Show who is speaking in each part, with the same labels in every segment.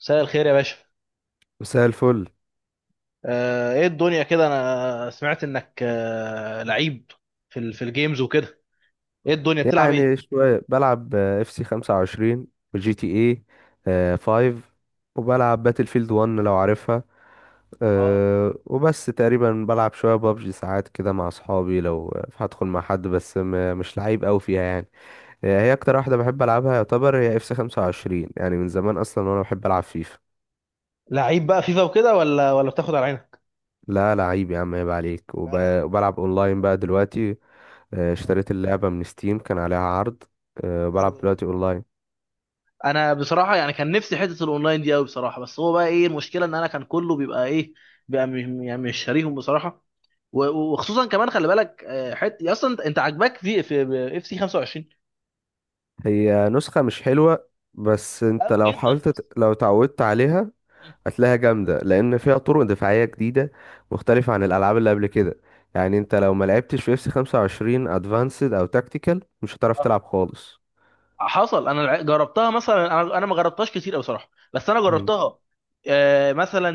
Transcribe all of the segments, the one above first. Speaker 1: مساء الخير يا باشا.
Speaker 2: مساء الفل.
Speaker 1: ايه الدنيا كده؟ انا سمعت انك لعيب في الجيمز وكده. ايه الدنيا بتلعب ايه؟
Speaker 2: يعني شوية بلعب اف سي 25 وجي تي اي 5، وبلعب باتل فيلد 1 لو عارفها.
Speaker 1: اه،
Speaker 2: وبس تقريبا بلعب شوية بابجي ساعات كده مع اصحابي لو هدخل مع حد، بس مش لعيب قوي فيها يعني. هي اكتر واحدة بحب العبها يعتبر هي اف سي 25، يعني من زمان اصلا وانا بحب العب فيفا.
Speaker 1: لعيب بقى فيفا وكده ولا بتاخد على عينك؟
Speaker 2: لا لعيب يا عم، عيب عليك.
Speaker 1: جدع.
Speaker 2: وبلعب اونلاين بقى دلوقتي.
Speaker 1: اه،
Speaker 2: اشتريت اللعبة من ستيم، كان عليها عرض.
Speaker 1: حلو
Speaker 2: بلعب
Speaker 1: ده.
Speaker 2: دلوقتي اونلاين.
Speaker 1: انا بصراحه يعني كان نفسي حته الاونلاين دي قوي بصراحه، بس هو بقى ايه المشكله؟ ان انا كان كله بيبقى ايه، يعني مش شاريهم بصراحه. و- و- وخصوصا كمان خلي بالك، حته اصلا أنت عاجباك في اف سي 25؟
Speaker 2: هي نسخة مش حلوة، بس انت
Speaker 1: أو
Speaker 2: لو
Speaker 1: جدا،
Speaker 2: حاولت
Speaker 1: بس.
Speaker 2: لو اتعودت عليها
Speaker 1: مم.
Speaker 2: هتلاقيها جامدة، لأن فيها طرق دفاعية جديدة مختلفة عن الألعاب اللي قبل كده. يعني انت لو ما لعبتش في اف 25 ادفانسد او تاكتيكال مش هتعرف
Speaker 1: اه.
Speaker 2: تلعب خالص.
Speaker 1: حصل، جربتها مثلا. انا ما جربتهاش كتير قوي بصراحه، بس انا
Speaker 2: مم.
Speaker 1: جربتها، مثلا،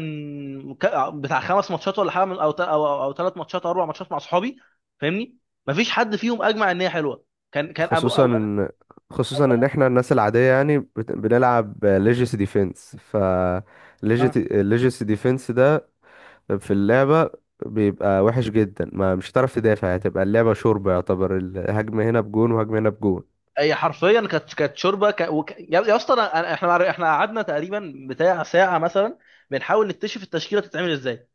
Speaker 1: بتاع خمس ماتشات ولا حاجه، او ثلاث ماتشات او اربع ماتشات مع صحابي. فاهمني؟ مفيش حد فيهم اجمع ان هي حلوه. كان أبو
Speaker 2: خصوصا
Speaker 1: اولا،
Speaker 2: ان خصوصا ان
Speaker 1: اولا.
Speaker 2: احنا الناس العادية يعني بنلعب ليجيسي ديفنس، ف
Speaker 1: اه.
Speaker 2: ليجيسي ديفنس ده في اللعبة بيبقى وحش جدا، ما مش هتعرف تدافع، هتبقى اللعبة شوربة يعتبر، الهجمة هنا بجون وهجمة هنا بجون.
Speaker 1: هي حرفيا كانت شوربه، يا اسطى. احنا قعدنا تقريبا بتاع ساعه مثلا بنحاول نكتشف التشكيله تتعمل ازاي.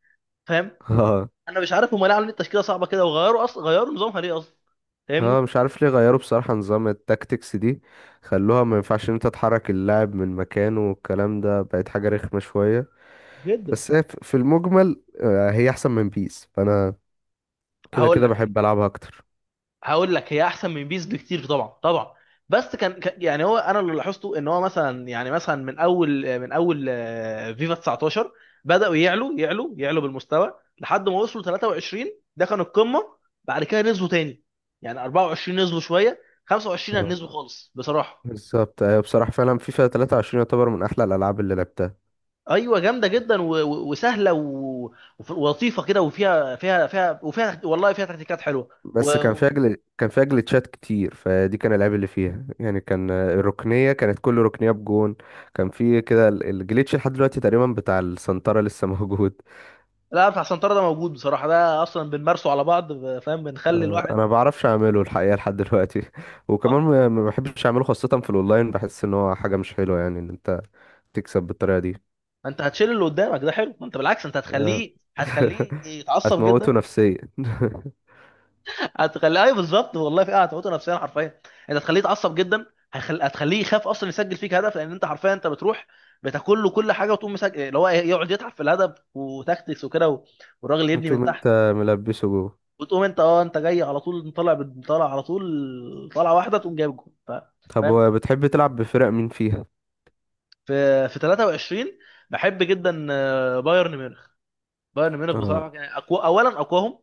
Speaker 1: فاهم؟
Speaker 2: اه.
Speaker 1: انا مش عارف هم ليه عاملين التشكيله صعبه كده، وغيروا اصلا، غيروا نظامها ليه اصلا؟
Speaker 2: اه
Speaker 1: فاهمني؟
Speaker 2: مش عارف ليه غيروا بصراحة نظام التاكتكس دي، خلوها ما ينفعش ان انت تحرك اللاعب من مكانه والكلام ده، بقت حاجة رخمة شوية.
Speaker 1: جدا.
Speaker 2: بس هي في المجمل هي احسن من بيس، فانا كده
Speaker 1: هقول
Speaker 2: كده
Speaker 1: لك،
Speaker 2: بحب العبها اكتر.
Speaker 1: هقول لك، هي احسن من بيس بكتير، طبعا طبعا. بس يعني هو انا اللي لاحظته ان هو مثلا، يعني مثلا، من اول فيفا 19 بداوا يعلوا بالمستوى، لحد ما وصلوا 23، ده كان القمه. بعد كده نزلوا تاني. يعني 24 نزلوا شويه، 25
Speaker 2: اه
Speaker 1: نزلوا خالص بصراحه.
Speaker 2: بالظبط، ايوه بصراحة فعلا فيفا 23 يعتبر من احلى الالعاب اللي لعبتها.
Speaker 1: ايوه، جامده جدا و- و- وسهله و- وف- ولطيفه كده، وفيها فيها والله فيها تكتيكات حلوه.
Speaker 2: بس كان فيها كان فيها جليتشات كتير، فدي كان العيب اللي فيها يعني. كان الركنيه كانت كل ركنيه بجون. كان في كده الجليتش لحد دلوقتي تقريبا بتاع السنتره لسه موجود.
Speaker 1: لا، بتاع سنترة ده موجود بصراحة، ده أصلا بنمارسه على بعض. فاهم؟ بنخلي
Speaker 2: انا
Speaker 1: الواحد.
Speaker 2: ما بعرفش اعمله الحقيقه لحد دلوقتي.
Speaker 1: اه.
Speaker 2: وكمان ما بحبش اعمله خاصه في الاونلاين، بحس ان هو حاجه مش حلوه يعني ان انت تكسب بالطريقه دي.
Speaker 1: ما أنت هتشيل اللي قدامك، ده حلو. ما أنت بالعكس، أنت
Speaker 2: آه،
Speaker 1: هتخليه، هتخليه يتعصب
Speaker 2: هتموته
Speaker 1: جدا.
Speaker 2: نفسيا.
Speaker 1: هتخليه، أيوه، بالظبط، والله في قاعده هتموته نفسيا حرفيا. أنت هتخليه يتعصب جدا. هتخليه يخاف أصلا يسجل فيك هدف، لأن أنت حرفيا أنت بتروح بتاكل له كل حاجة، وتقوم مسجل اللي هو يقعد يتعب في الهدف وتكتكس وكده، والراجل يبني
Speaker 2: انتوا،
Speaker 1: من
Speaker 2: ما انت
Speaker 1: تحت.
Speaker 2: ملبسه جوه.
Speaker 1: وتقوم أنت، أه أنت جاي على طول طالع، طالع على طول، طالعة واحدة تقوم جايب جول.
Speaker 2: طب
Speaker 1: فاهم؟
Speaker 2: هو بتحب تلعب بفرق مين فيها؟
Speaker 1: في 23، بحب جدا بايرن ميونخ. بايرن ميونخ
Speaker 2: اه.
Speaker 1: بصراحه يعني أقوى، اولا اقواهم.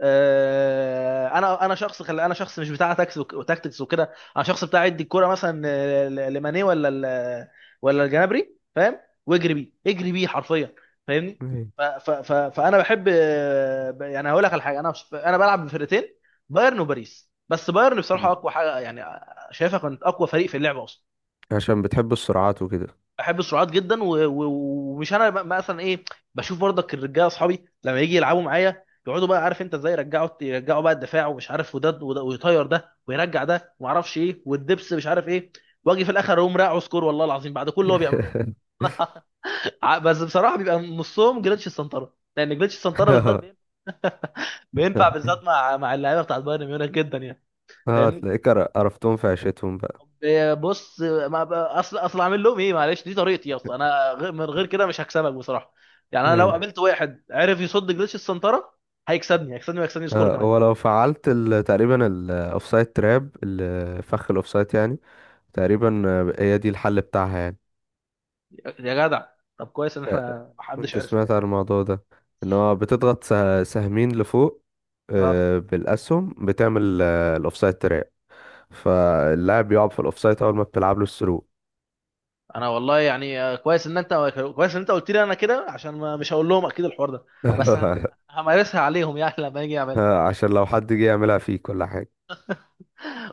Speaker 1: انا شخص، انا شخص مش بتاع تاكس وك- وتاكتكس وكده، انا شخص بتاع يدي الكوره مثلا لماني، ولا الجنابري. فاهم؟ واجري بيه، اجري بيه حرفيا. فاهمني؟
Speaker 2: أيوة.
Speaker 1: ف ف ف فانا بحب يعني هقول لك على حاجه، انا مش انا بلعب بفرقتين، بايرن وباريس. بس بايرن بصراحه اقوى حاجه، يعني شايفها كانت اقوى فريق في اللعبه اصلا.
Speaker 2: عشان بتحب السرعات وكده؟
Speaker 1: احب السرعات جدا، و- و- ومش انا مثلا ايه، بشوف برضك الرجاله اصحابي لما يجي يلعبوا معايا، يقعدوا بقى عارف انت ازاي، يرجعوا بقى الدفاع ومش عارف، وده وده، ويطير ده ويرجع ده وما اعرفش ايه والدبس مش عارف ايه. واجي في الاخر اقوم راقع سكور، والله العظيم، بعد كل اللي هو بيعمله ده. بس بصراحه بيبقى نصهم جليتش السنطره، لان جليتش السنطره بالذات
Speaker 2: اه.
Speaker 1: بينفع بالذات مع مع اللعيبه بتاعت بايرن ميونخ جدا يعني.
Speaker 2: اه
Speaker 1: فاهمني؟
Speaker 2: تلاقيك قرفتهم في عيشتهم بقى.
Speaker 1: بص، ما ب- اصل اصل اعمل لهم ايه؟ معلش، دي طريقتي اصلا، انا من غير كده مش هكسبك بصراحه. يعني انا لو
Speaker 2: ايوه.
Speaker 1: قابلت واحد عرف يصد جليتش السنتره، هيكسبني، هيكسبني وهيكسبني سكور
Speaker 2: اه
Speaker 1: كمان.
Speaker 2: ولو فعلت تقريبا الاوفسايد تراب، الفخ الاوفسايد يعني تقريبا، هي دي الحل بتاعها يعني.
Speaker 1: يا جدع، طب كويس ان
Speaker 2: ت-
Speaker 1: احنا محدش
Speaker 2: كنت
Speaker 1: عرف
Speaker 2: سمعت
Speaker 1: الحوار
Speaker 2: عن
Speaker 1: ده.
Speaker 2: الموضوع ده، ان هو بتضغط سهمين لفوق،
Speaker 1: اه.
Speaker 2: بالاسهم بتعمل الاوفسايد تراب، فاللاعب يقعد في الاوفسايد اول ما بتلعب له الثرو.
Speaker 1: انا والله يعني كويس ان انت، كويس ان انت قلت لي انا كده، عشان ما مش هقول لهم اكيد الحوار ده. بس همارسها عليهم يعني لما اجي اعملها.
Speaker 2: عشان لو حد جه يعملها فيك ولا حاجه.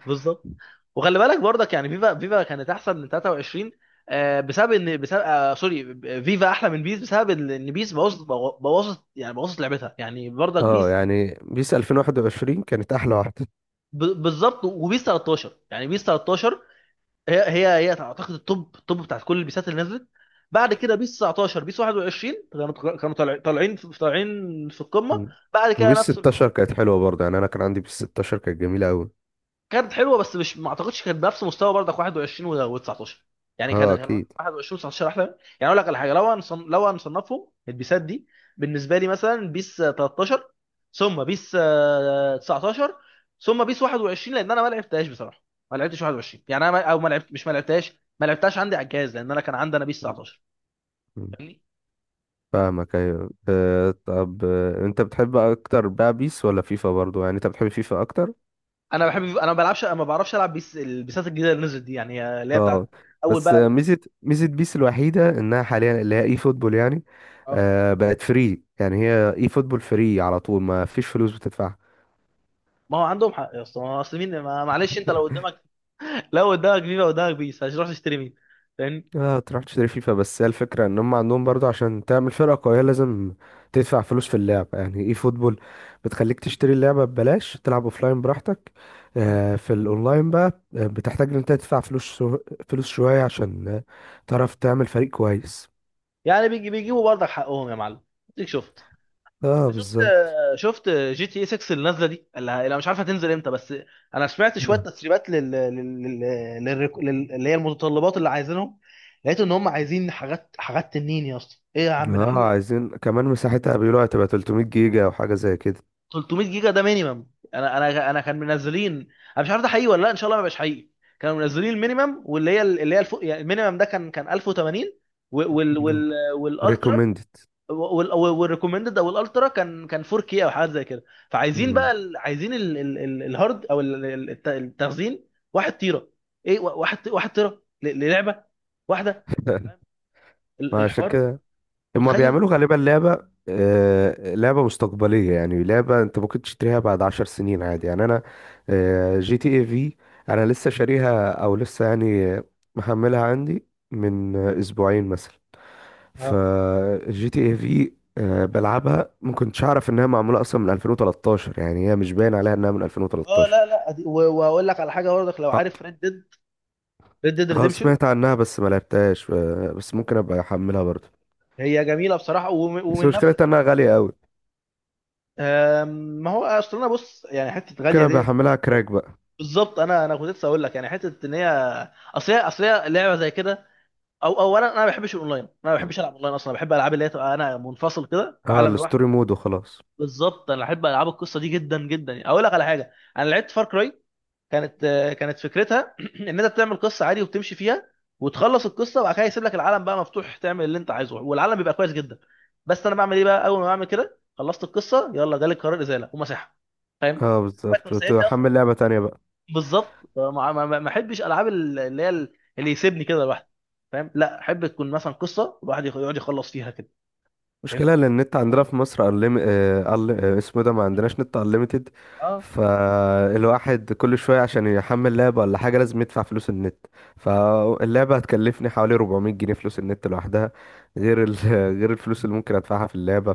Speaker 1: بالظبط. وخلي بالك برضك، يعني فيفا كانت احسن من 23، بسبب سوري، فيفا احلى من بيس بسبب ان بيس بوظت، بوظت، يعني بوظت لعبتها يعني، برضك
Speaker 2: اه
Speaker 1: بيس.
Speaker 2: يعني بيس 2021 كانت احلى واحده.
Speaker 1: بالظبط. وبيس 13، يعني بيس 13 هي هي اعتقد التوب، التوب بتاعت كل البيسات اللي نزلت. بعد كده بيس 19، بيس 21، كانوا طالعين في القمه.
Speaker 2: مم.
Speaker 1: بعد كده
Speaker 2: وبيس
Speaker 1: نفس.
Speaker 2: 16 كانت حلوة برضه، يعني أنا كان عندي بيس 16 كانت جميلة أوي.
Speaker 1: كانت حلوه بس مش، ما اعتقدش كانت بنفس مستوى برضك 21 و19. يعني
Speaker 2: أه
Speaker 1: كان
Speaker 2: أكيد.
Speaker 1: 21 و19 احلى. يعني اقول لك على حاجه، لو هنصنفهم البيسات دي بالنسبه لي: مثلا بيس 13، ثم بيس 19، ثم بيس 21، لان انا ما لعبتهاش بصراحه، ما لعبتش 21. يعني انا ما... او ما لعبت مش ما لعبتهاش ما لعبتهاش عندي على الجهاز، لان انا كان عندي انا بيس 19.
Speaker 2: مم.
Speaker 1: فاهمني؟
Speaker 2: فاهمك أيوة. أه طب، أنت بتحب أكتر بقى بيس ولا فيفا؟ برضه يعني أنت بتحب فيفا أكتر؟
Speaker 1: انا بحب، انا ما بلعبش ما بعرفش العب بيس، البيسات الجديده اللي نزلت دي، يعني اللي هي
Speaker 2: أه.
Speaker 1: بتاعت اول
Speaker 2: بس
Speaker 1: بقى
Speaker 2: ميزة بيس الوحيدة إنها حاليا اللي هي إي فوتبول يعني.
Speaker 1: اه.
Speaker 2: أه، بقت فري، يعني هي إي فوتبول فري على طول، ما فيش فلوس بتدفعها.
Speaker 1: ما هو عندهم حق يا اسطى، ما هو اصل مين، معلش، انت لو قدامك، لا قدامك، بيبقى قدامك بيس، هتروح تشتري مين؟ فاهمني؟
Speaker 2: اه تروح تشتري فيفا، بس هي الفكرة ان هم عندهم برضو عشان تعمل فرقة قوية لازم تدفع فلوس في اللعبة. يعني اي فوتبول بتخليك تشتري اللعبة ببلاش، تلعب اوفلاين براحتك. في الاونلاين بقى بتحتاج ان انت تدفع فلوس شوية عشان تعرف تعمل فريق كويس.
Speaker 1: يعني بيجي، بيجيبوا برضك حقهم يا معلم. اديك شفت،
Speaker 2: اه
Speaker 1: شفت،
Speaker 2: بالظبط.
Speaker 1: شفت جي تي اي 6 اللي نازله دي، اللي مش عارفه تنزل امتى. بس انا سمعت شويه
Speaker 2: آه.
Speaker 1: تسريبات اللي هي المتطلبات اللي عايزينهم. لقيت ان هم عايزين حاجات، حاجات تنين يا اسطى، ايه يا عم ده، في
Speaker 2: اه
Speaker 1: ايه؟
Speaker 2: عايزين كمان مساحتها، بيقولوا هتبقى 300 جيجا او حاجة زي كده.
Speaker 1: 300 جيجا ده مينيمم. انا كان منزلين، انا مش عارف ده حقيقي ولا لا، ان شاء الله ما يبقاش حقيقي. كانوا منزلين المينيمم واللي هي، اللي هي الفوق. يعني المينيمم ده كان 1080، وال وال وال والالترا،
Speaker 2: ريكومندد.
Speaker 1: والريكومندد او الالترا كان 4K او حاجات زي كده. فعايزين بقى عايزين الهارد، او التخزين، 1 تيرا. ايه؟ 1 تيرا للعبه واحده؟ فاهم
Speaker 2: ما عشان
Speaker 1: الحوار؟
Speaker 2: كده هما
Speaker 1: متخيل؟
Speaker 2: بيعملوا غالبا لعبة لعبة مستقبلية، يعني لعبة انت ممكن تشتريها بعد عشر سنين عادي. يعني انا جي تي اي في انا لسه شاريها، او لسه يعني محملها عندي من اسبوعين مثلا. ف
Speaker 1: اه.
Speaker 2: جي تي اي في بلعبها، ما كنتش اعرف انها معمولة اصلا من 2013، يعني هي مش باين عليها انها من
Speaker 1: اه،
Speaker 2: 2013.
Speaker 1: لا لا، واقول لك على حاجه برضك لو
Speaker 2: اه.
Speaker 1: عارف ريد ديد. ريد ديد
Speaker 2: سمعت عنها بس ما لعبتهاش، بس ممكن ابقى احملها برضه.
Speaker 1: هي جميله بصراحه، ومن،
Speaker 2: بس
Speaker 1: ومن نفس
Speaker 2: مشكلتها
Speaker 1: السنه.
Speaker 2: انها غالية قوي.
Speaker 1: آم، ما هو اصل، انا بص يعني حته
Speaker 2: ممكن
Speaker 1: غاليه
Speaker 2: ابقى
Speaker 1: ديت.
Speaker 2: احملها كراك بقى.
Speaker 1: بالظبط. انا كنت لسه اقول لك يعني حته ان هي، اصل هي لعبه زي كده. او اولا، انا ما بحبش الاونلاين، انا ما بحبش العب اونلاين اصلا. بحب العاب اللي هي تبقى انا منفصل كده في
Speaker 2: اه
Speaker 1: عالم لوحدي.
Speaker 2: الستوري مود وخلاص.
Speaker 1: بالظبط. انا بحب العاب القصه دي جدا جدا. يعني اقول لك على حاجه، انا لعبت فار كراي، كانت كانت فكرتها ان انت بتعمل قصه عادي وبتمشي فيها، وتخلص القصه، وبعد كده يسيب لك العالم بقى مفتوح، تعمل اللي انت عايزه والعالم بيبقى كويس جدا. بس انا بعمل ايه بقى؟ اول ما بعمل كده، خلصت القصه، يلا جالي قرار ازاله ومسحها. فاهم؟
Speaker 2: اه
Speaker 1: فاكر
Speaker 2: بالظبط،
Speaker 1: سايب لي
Speaker 2: وتحمل
Speaker 1: اصلا.
Speaker 2: لعبة تانية بقى.
Speaker 1: بالظبط. ما احبش العاب اللي هي اللي يسيبني كده لوحدي. فاهم؟ لا، احب تكون مثلا قصه، الواحد يقعد يخلص فيها كده.
Speaker 2: مشكلة
Speaker 1: فاهمني؟
Speaker 2: لأن النت عندنا في مصر أنليم... آه... أل... آه، اسمه ده ما عندناش نت أنليمتد.
Speaker 1: اه،
Speaker 2: فالواحد كل شوية عشان يحمل لعبة ولا حاجة لازم يدفع فلوس النت. فاللعبة هتكلفني حوالي 400 جنيه فلوس النت لوحدها، غير غير الفلوس اللي ممكن أدفعها في اللعبة،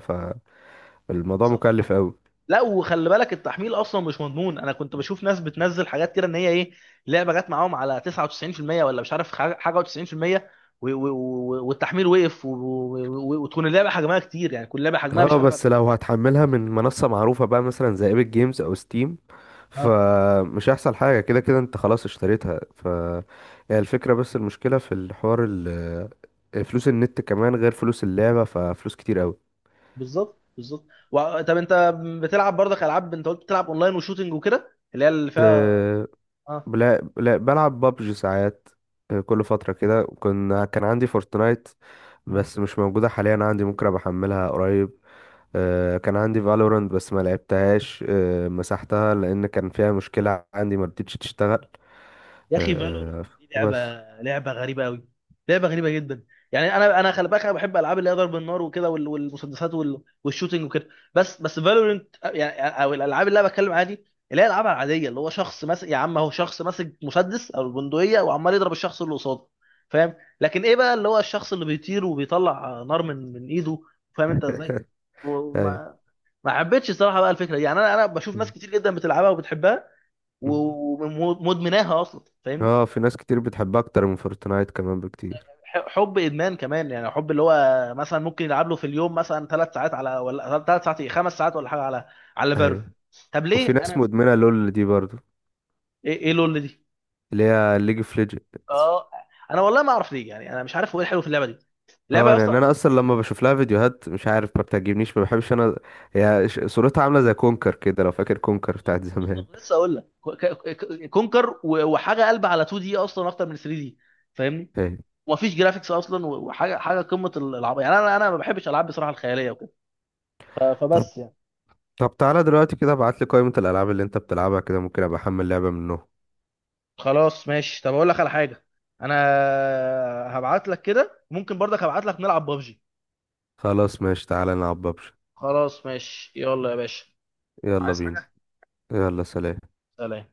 Speaker 2: فالموضوع
Speaker 1: بالظبط.
Speaker 2: مكلف أوي.
Speaker 1: لا، وخلي بالك، التحميل اصلا مش مضمون. انا كنت بشوف ناس بتنزل حاجات كده، ان هي ايه، لعبه جت معاهم على 99%، ولا مش عارف، حاجة، و90%، والتحميل وقف، وتكون اللعبه حجمها كتير، يعني كل لعبه حجمها مش
Speaker 2: اه
Speaker 1: عارف.
Speaker 2: بس لو هتحملها من منصة معروفة بقى، مثلا زي ايبك جيمز أو ستيم،
Speaker 1: اه،
Speaker 2: فمش هيحصل حاجة، كده كده انت خلاص اشتريتها. ف هي الفكرة، بس المشكلة في الحوار فلوس النت كمان غير فلوس اللعبة، ففلوس كتير قوي.
Speaker 1: بالظبط، بالظبط. طب انت بتلعب برضك العاب، انت قلت بتلعب اونلاين وشوتينج وكده، اللي هي اللي فيها.
Speaker 2: أه
Speaker 1: اه.
Speaker 2: بلا بلعب بابجي ساعات. أه، كل فترة كده كنا، كان عندي فورتنايت
Speaker 1: اه،
Speaker 2: بس مش موجودة حاليا عندي، ممكن ابقى احملها قريب. أه كان عندي فالورانت بس ما لعبتهاش، أه مسحتها لان كان فيها مشكلة عندي ما رضتش تشتغل.
Speaker 1: يا اخي فالورنت
Speaker 2: أه
Speaker 1: دي لعبه،
Speaker 2: بس.
Speaker 1: لعبه غريبه قوي، لعبه غريبه جدا. يعني انا خلي بالك، انا بحب العاب اللي هي ضرب النار وكده، والمسدسات، والشوتينج وكده. بس، فالورنت، يعني او الالعاب اللي انا بتكلم عادي اللي هي الالعاب العاديه، اللي هو شخص ماسك، يا عم هو شخص ماسك مسدس او البندقيه وعمال يضرب الشخص اللي قصاده. فاهم؟ لكن ايه بقى اللي هو الشخص اللي بيطير وبيطلع نار من ايده؟ فاهم انت ازاي؟
Speaker 2: ايوه.
Speaker 1: وما، ما حبيتش الصراحه بقى الفكره دي. يعني انا بشوف ناس كتير جدا بتلعبها وبتحبها ومدمناها اصلا. فاهم؟
Speaker 2: اه في ناس كتير بتحبها اكتر من فورتنايت كمان بكتير.
Speaker 1: حب ادمان كمان، يعني حب اللي هو مثلا ممكن يلعب له في اليوم مثلا ثلاث ساعات على، ولا ثلاث ساعات، ايه، خمس ساعات ولا حاجه على، على فالو.
Speaker 2: ايوه.
Speaker 1: طب
Speaker 2: وفي
Speaker 1: ليه
Speaker 2: ناس
Speaker 1: انا؟
Speaker 2: مدمنة لول دي برضو،
Speaker 1: ايه؟ ايه لول دي؟
Speaker 2: اللي هي ليج اوف ليجندز.
Speaker 1: اه، انا والله ما اعرف ليه، يعني انا مش عارف هو ايه الحلو في اللعبه دي، اللعبه
Speaker 2: اه
Speaker 1: يا
Speaker 2: يعني
Speaker 1: اسطى؟
Speaker 2: انا اصلا لما بشوف لها فيديوهات مش عارف ما بتعجبنيش، ما بحبش انا. هي صورتها عاملة زي كونكر كده، لو فاكر كونكر بتاعت زمان.
Speaker 1: بالظبط، لسه اقول لك. كونكر وحاجه قلب على 2 دي اصلا اكتر من 3 دي. فاهمني؟
Speaker 2: ايوه.
Speaker 1: ومفيش جرافيكس اصلا، وحاجه، حاجه قمه العبط. يعني انا ما بحبش العاب بصراحه الخياليه وكده. ف-
Speaker 2: طب
Speaker 1: فبس يعني.
Speaker 2: طب تعالى دلوقتي كده، ابعت لي قائمة الالعاب اللي انت بتلعبها كده ممكن ابقى احمل لعبة منهم.
Speaker 1: خلاص، ماشي. طب اقول لك على حاجه. انا هبعت لك كده، ممكن برضك هبعت لك نلعب ببجي.
Speaker 2: خلاص ماشي، تعالى نلعب ببجي.
Speaker 1: خلاص ماشي، يلا يا باشا.
Speaker 2: يلا
Speaker 1: عايز
Speaker 2: بينا.
Speaker 1: حاجة؟
Speaker 2: يلا سلام.
Speaker 1: سلام.